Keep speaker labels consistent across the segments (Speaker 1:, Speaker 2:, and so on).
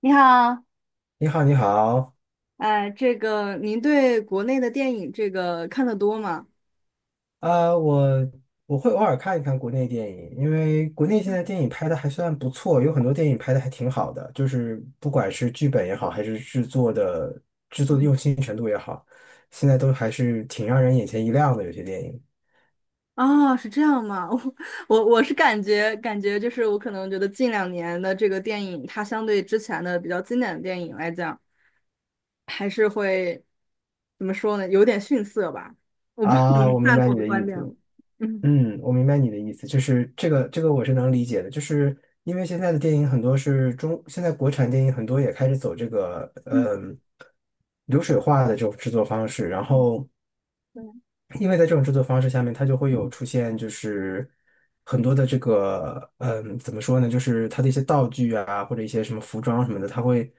Speaker 1: 你好，
Speaker 2: 你好，你好。
Speaker 1: 哎，这个您对国内的电影这个看得多吗？
Speaker 2: 呃，我我会偶尔看一看国内电影，因为国内现在电影拍的还算不错，有很多电影拍的还挺好的，就是不管是剧本也好，还是制作的用心程度也好，现在都还是挺让人眼前一亮的。有些电影。
Speaker 1: 啊，是这样吗？我是感觉就是我可能觉得近两年的这个电影，它相对之前的比较经典的电影来讲，还是会怎么说呢？有点逊色吧。我不知道
Speaker 2: 啊，
Speaker 1: 你
Speaker 2: 我明
Speaker 1: 赞
Speaker 2: 白
Speaker 1: 同我
Speaker 2: 你
Speaker 1: 的
Speaker 2: 的
Speaker 1: 观
Speaker 2: 意
Speaker 1: 点
Speaker 2: 思。
Speaker 1: 了。嗯
Speaker 2: 嗯，我明白你的意思，就是这个我是能理解的，就是因为现在的电影很多是中，现在国产电影很多也开始走这个
Speaker 1: 嗯，
Speaker 2: 流水化的这种制作方式，然后。
Speaker 1: 对，
Speaker 2: 因为在这种制作方式下面，它就会有
Speaker 1: 嗯。
Speaker 2: 出现，就是很多的这个，怎么说呢，就是它的一些道具啊，或者一些什么服装什么的，它会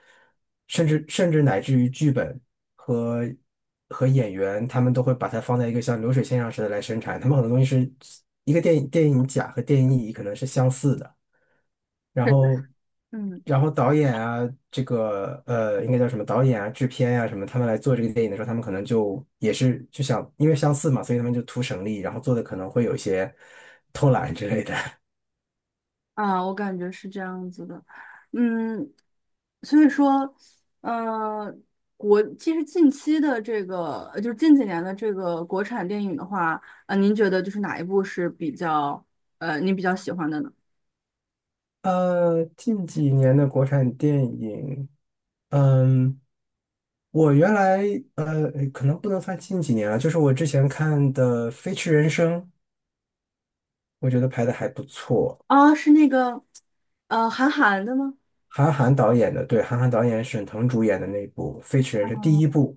Speaker 2: 甚至乃至于剧本和和演员，他们都会把它放在一个像流水线上似的来生产。他们很多东西是一个电影甲和电影乙可能是相似的。然后，然后导演啊，这个应该叫什么导演啊、制片呀什么，他们来做这个电影的时候，他们可能就也是就想，因为相似嘛，所以他们就图省力，然后做的可能会有一些 偷懒之类的。
Speaker 1: 啊，我感觉是这样子的，嗯，所以说，呃，其实近期的这个，就是近几年的这个国产电影的话，您觉得就是哪一部是比较，您比较喜欢的呢？
Speaker 2: 近几年的国产电影。嗯，我原来可能不能算近几年啊，就是我之前看的《飞驰人生》，我觉得拍的还不错。
Speaker 1: 啊，是那个，韩寒的吗？
Speaker 2: 韩寒导演的，对，韩寒导演、沈腾主演的那部《飞驰人生》第一部，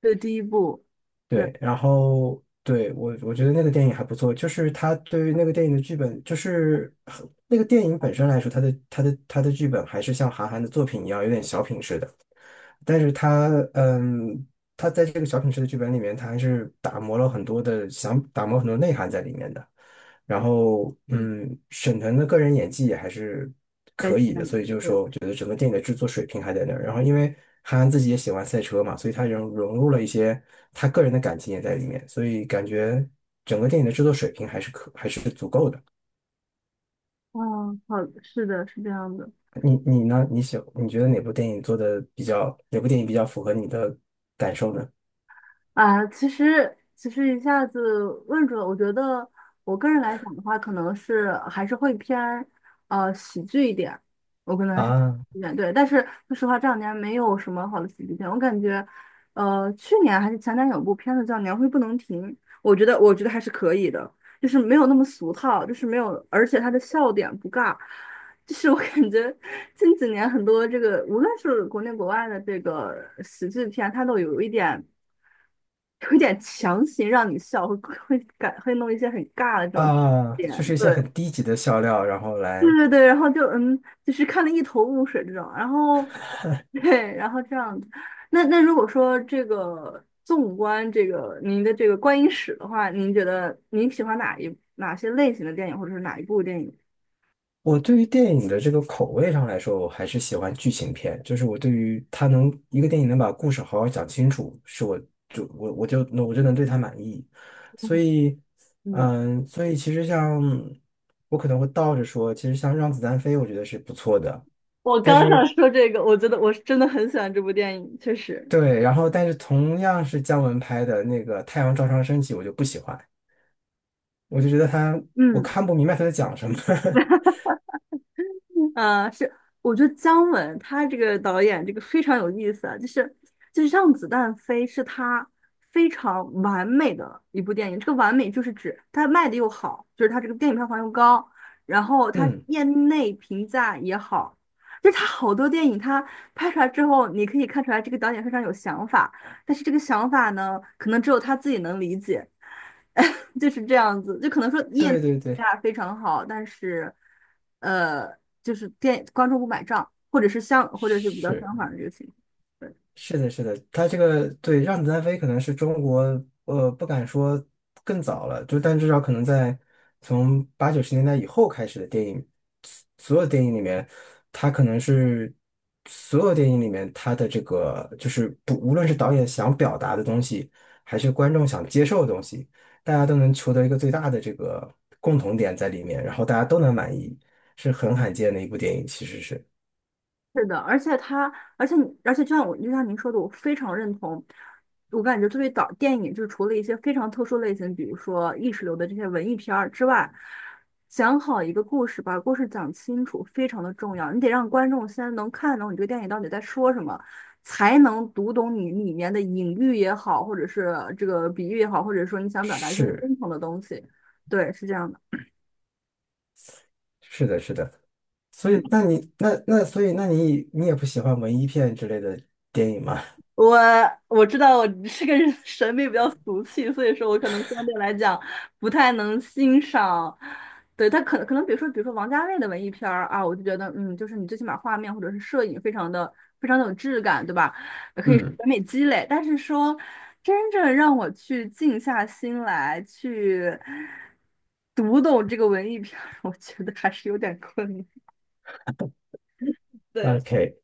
Speaker 1: 对，第一部，对，
Speaker 2: 对，然后对，我觉得那个电影还不错，就是他对于那个电影的剧本，就是很那个电影本身来说，他的剧本还是像韩寒的作品一样，有点小品式的。但是他，嗯，他在这个小品式的剧本里面，他还是打磨了很多的，想打磨很多内涵在里面的。然后，嗯，沈腾的个人演技也还是，
Speaker 1: 在下一
Speaker 2: 也
Speaker 1: 个
Speaker 2: 就是
Speaker 1: 对，
Speaker 2: 说，我觉得整个电影的制作水平还在那儿。然后因为韩寒自己也喜欢赛车嘛，所以他融入了一些他个人的感情也在里面，所以感觉整个电影的制作水平还是还是足够的。
Speaker 1: 嗯，好，是的，是这样的。
Speaker 2: 你呢？你觉得哪部电影做的比较，哪部电影比较符合你的感受呢？
Speaker 1: 啊，其实一下子问住了，我觉得我个人来讲的话，可能是还是会偏喜剧一点，我可能还是
Speaker 2: 啊
Speaker 1: 一点对，但是说实话这两年没有什么好的喜剧片，我感觉去年还是前年有部片子叫《年会不能停》，我觉得还是可以的，就是没有那么俗套，就是没有，而且它的笑点不尬，就是我感觉近几年很多这个无论是国内国外的这个喜剧片，它都有一点。有点强行让你笑，会弄一些很尬的这种
Speaker 2: 啊，就
Speaker 1: 点，
Speaker 2: 是一些
Speaker 1: 对，
Speaker 2: 很低级的笑料，然后
Speaker 1: 对
Speaker 2: 来。
Speaker 1: 对对，然后就就是看得一头雾水这种，然后对，然后这样子。那那如果说这个纵观这个您的这个观影史的话，您觉得您喜欢哪些类型的电影，或者是哪一部电影？
Speaker 2: 我对于电影的这个口味上来说，我还是喜欢剧情片。就是我对于它，能一个电影能把故事好好讲清楚，是我就我我就那我就能对它满意。所以，
Speaker 1: 嗯，
Speaker 2: 嗯，所以其实像，我可能会倒着说，其实像《让子弹飞》，我觉得是不错的。
Speaker 1: 我
Speaker 2: 但
Speaker 1: 刚想
Speaker 2: 是，
Speaker 1: 说这个，我觉得我是真的很喜欢这部电影，确实。
Speaker 2: 对，然后但是同样是姜文拍的那个《太阳照常升起》，我就不喜欢，我就觉得他，我
Speaker 1: 嗯。
Speaker 2: 看不明白他在讲什么。
Speaker 1: 啊，是，我觉得姜文他这个导演这个非常有意思啊，就是《让子弹飞》是他非常完美的一部电影，这个完美就是指他卖的又好，就是他这个电影票房又高，然后他
Speaker 2: 嗯，
Speaker 1: 业内评价也好，就是他好多电影他拍出来之后，你可以看出来这个导演非常有想法，但是这个想法呢，可能只有他自己能理解。就是这样子，就可能说业内
Speaker 2: 对
Speaker 1: 评
Speaker 2: 对对，
Speaker 1: 价非常好，但是，呃，就是店观众不买账，或者是比较
Speaker 2: 是。
Speaker 1: 相反的这个
Speaker 2: 是的，是的，他这个，对"让子弹飞"可能是中国，不敢说更早了，就但至少可能在从八九十年代以后开始的电影，所有电影里面，它可能是所有电影里面它的这个就是不，无论是导演想表达的东西，还是观众想接受的东西，大家都能求得一个最大的这个共同点在里面，然后大家都能满意，是很罕见的一部电影，其实是，
Speaker 1: 是的，而且他，而且你而且就像我，就像您说的，我非常认同。我感觉作为导电影就是除了一些非常特殊类型，比如说意识流的这些文艺片儿之外，讲好一个故事，把故事讲清楚非常的重要。你得让观众先能看懂你这个电影到底在说什么，才能读懂你里面的隐喻也好，或者是这个比喻也好，或者说你想表达一些
Speaker 2: 是
Speaker 1: 深层的东西。对，是这样的。
Speaker 2: 是的，是的。所以，
Speaker 1: 嗯。
Speaker 2: 那你所以，那你也不喜欢文艺片之类的电影吗？
Speaker 1: 我我知道我这个人 审美比较俗气，所以说我可能相对来讲不太能欣赏。对，他可能比如说王家卫的文艺片儿啊，我就觉得嗯，就是你最起码画面或者是摄影非常的有质感，对吧？可以审
Speaker 2: 嗯
Speaker 1: 美积累。但是说真正让我去静下心来去读懂这个文艺片儿，我觉得还是有点困难。对。
Speaker 2: ，OK,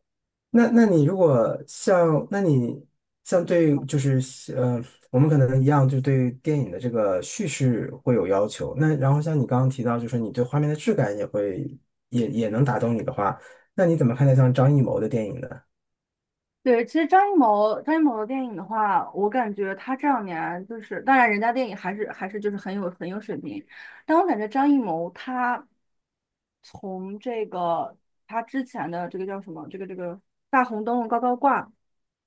Speaker 2: 那你如果像，那你，像对，就是，呃，我们可能一样，就对电影的这个叙事会有要求。那然后像你刚刚提到，就是你对画面的质感也会，也能打动你的话，那你怎么看待像张艺谋的电影呢？
Speaker 1: 对，其实张艺谋的电影的话，我感觉他这两年就是，当然人家电影还是就是很有水平，但我感觉张艺谋他从这个他之前的这个叫什么，这个大红灯笼高高挂，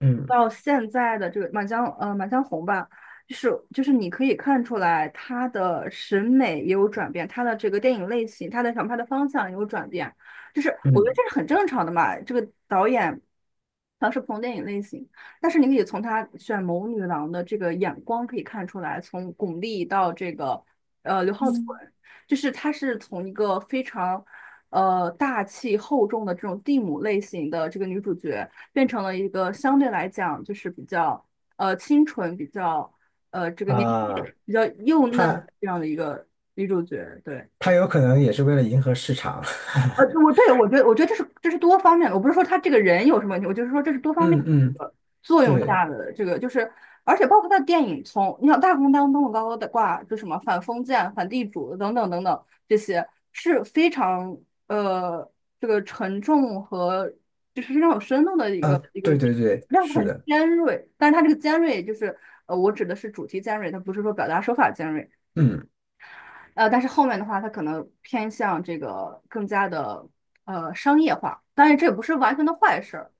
Speaker 2: 嗯
Speaker 1: 到现在的这个满江红吧，就是你可以看出来他的审美也有转变，他的这个电影类型，他的想拍的方向也有转变。就是我觉得
Speaker 2: 嗯，
Speaker 1: 这是很正常的嘛。这个导演他是不同电影类型，但是你可以从他选谋女郎的这个眼光可以看出来，从巩俐到这个刘浩存，就是他是从一个非常大气厚重的这种地母类型的这个女主角，变成了一个相对来讲就是比较清纯、比较这个年纪
Speaker 2: 啊、
Speaker 1: 比较幼嫩
Speaker 2: 他
Speaker 1: 这样的一个女主角，对。
Speaker 2: 他有可能也是为了迎合市场。
Speaker 1: 我觉得这是多方面的，我不是说他这个人有什么问题，我就是说这是多 方面
Speaker 2: 嗯嗯，
Speaker 1: 的作用
Speaker 2: 对。
Speaker 1: 下的这个，就是而且包括他的电影从，你想大红灯笼高高的挂，就什么反封建、反地主等等等等这些是非常呃这个沉重和就是非常有深度的一个
Speaker 2: 啊，
Speaker 1: 一个
Speaker 2: 对对对，
Speaker 1: 量
Speaker 2: 是
Speaker 1: 很
Speaker 2: 的。
Speaker 1: 尖锐，但是他这个尖锐就是我指的是主题尖锐，它不是说表达手法尖锐。
Speaker 2: 嗯，
Speaker 1: 但是后面的话，它可能偏向这个更加的商业化，当然这也不是完全的坏事儿，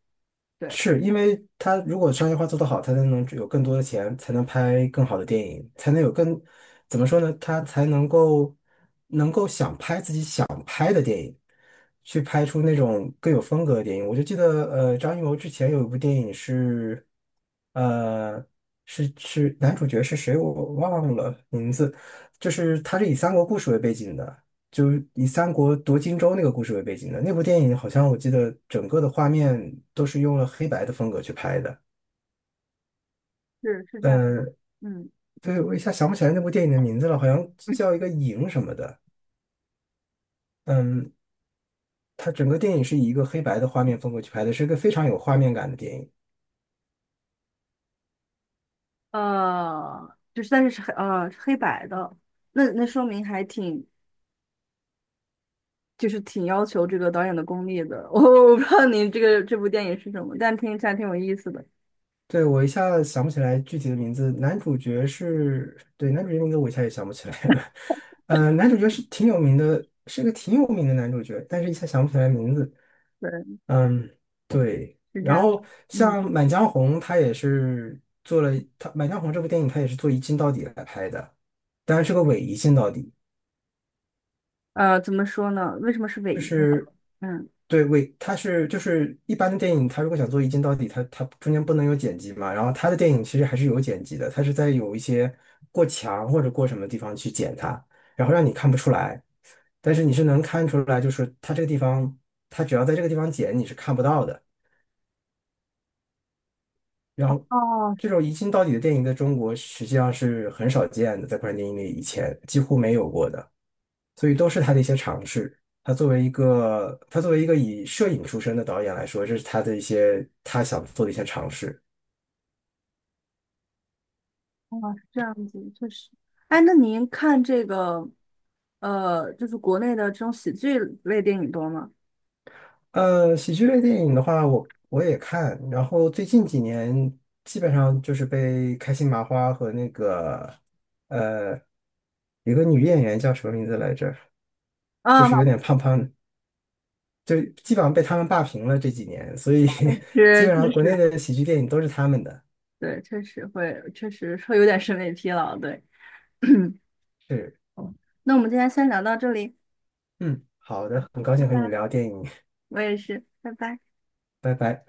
Speaker 1: 对，
Speaker 2: 是因为他如果商业化做得好，他才能有更多的钱，才能拍更好的电影，才能有更，怎么说呢？他才能够去拍出那种更有风格的电影。我就记得，张艺谋之前有一部电影是，呃，是男主角是谁我忘了名字，就是他是以三国故事为背景的，就是以三国夺荆州那个故事为背景的。那部电影好像我记得整个的画面都是用了黑白的风格去拍的。
Speaker 1: 是是这样，
Speaker 2: 嗯，
Speaker 1: 嗯
Speaker 2: 对，我一下想不起来那部电影的名字了，好像叫一个 影什么的。嗯，它整个电影是以一个黑白的画面风格去拍的，是一个非常有画面感的电影。
Speaker 1: 就是但是是黑呃是黑白的，那说明就是挺要求这个导演的功力的，我不知道你这个这部电影是什么，但听起来挺有意思的，
Speaker 2: 对，我一下想不起来具体的名字，男主角是，对，男主角名字我一下也想不起来了。男主角是挺有名的，是个挺有名的男主角，但是一下想不起来名字。
Speaker 1: 对，
Speaker 2: 嗯，对。
Speaker 1: 是这
Speaker 2: 然
Speaker 1: 样，
Speaker 2: 后
Speaker 1: 嗯，
Speaker 2: 像《满江红》，他也是做了，他《满江红》这部电影，他也是做一镜到底来拍的，当然是个伪一镜到底。
Speaker 1: 怎么说呢？为什么是伪
Speaker 2: 就
Speaker 1: 一？
Speaker 2: 是，
Speaker 1: 嗯，
Speaker 2: 对尾，为它是，就是一般的电影，它如果想做一镜到底，它中间不能有剪辑嘛。然后它的电影其实还是有剪辑的，它是在有一些过墙或者过什么地方去剪它，然后让你看不出来，但是你是能看出来，就是它这个地方，它只要在这个地方剪，你是看不到的。然后
Speaker 1: 哦，
Speaker 2: 这种一镜到底的电影在中国实际上是很少见的，在国产电影里以前几乎没有过的。所以都是他的一些尝试。他作为一个以摄影出身的导演来说，这是他的一些他想做的一些尝试。
Speaker 1: 哦，是这样子，确实。哎，那您看这个，就是国内的这种喜剧类电影多吗？
Speaker 2: 喜剧类电影的话，我也看，然后最近几年基本上就是被开心麻花和那个，呃有个女演员叫什么名字来着，就
Speaker 1: 啊，
Speaker 2: 是有
Speaker 1: 老
Speaker 2: 点胖胖的，就基本上被他们霸屏了这几年，所以 基
Speaker 1: 师，
Speaker 2: 本上
Speaker 1: 确
Speaker 2: 国
Speaker 1: 实，
Speaker 2: 内的喜剧电影都是他们的。
Speaker 1: 对，确实会，确实会有点审美疲劳，对。
Speaker 2: 是。
Speaker 1: 那我们今天先聊到这里，
Speaker 2: 嗯，好的，很高
Speaker 1: 拜
Speaker 2: 兴和你
Speaker 1: 拜。
Speaker 2: 聊电影。
Speaker 1: 我也是，拜拜。
Speaker 2: 拜拜。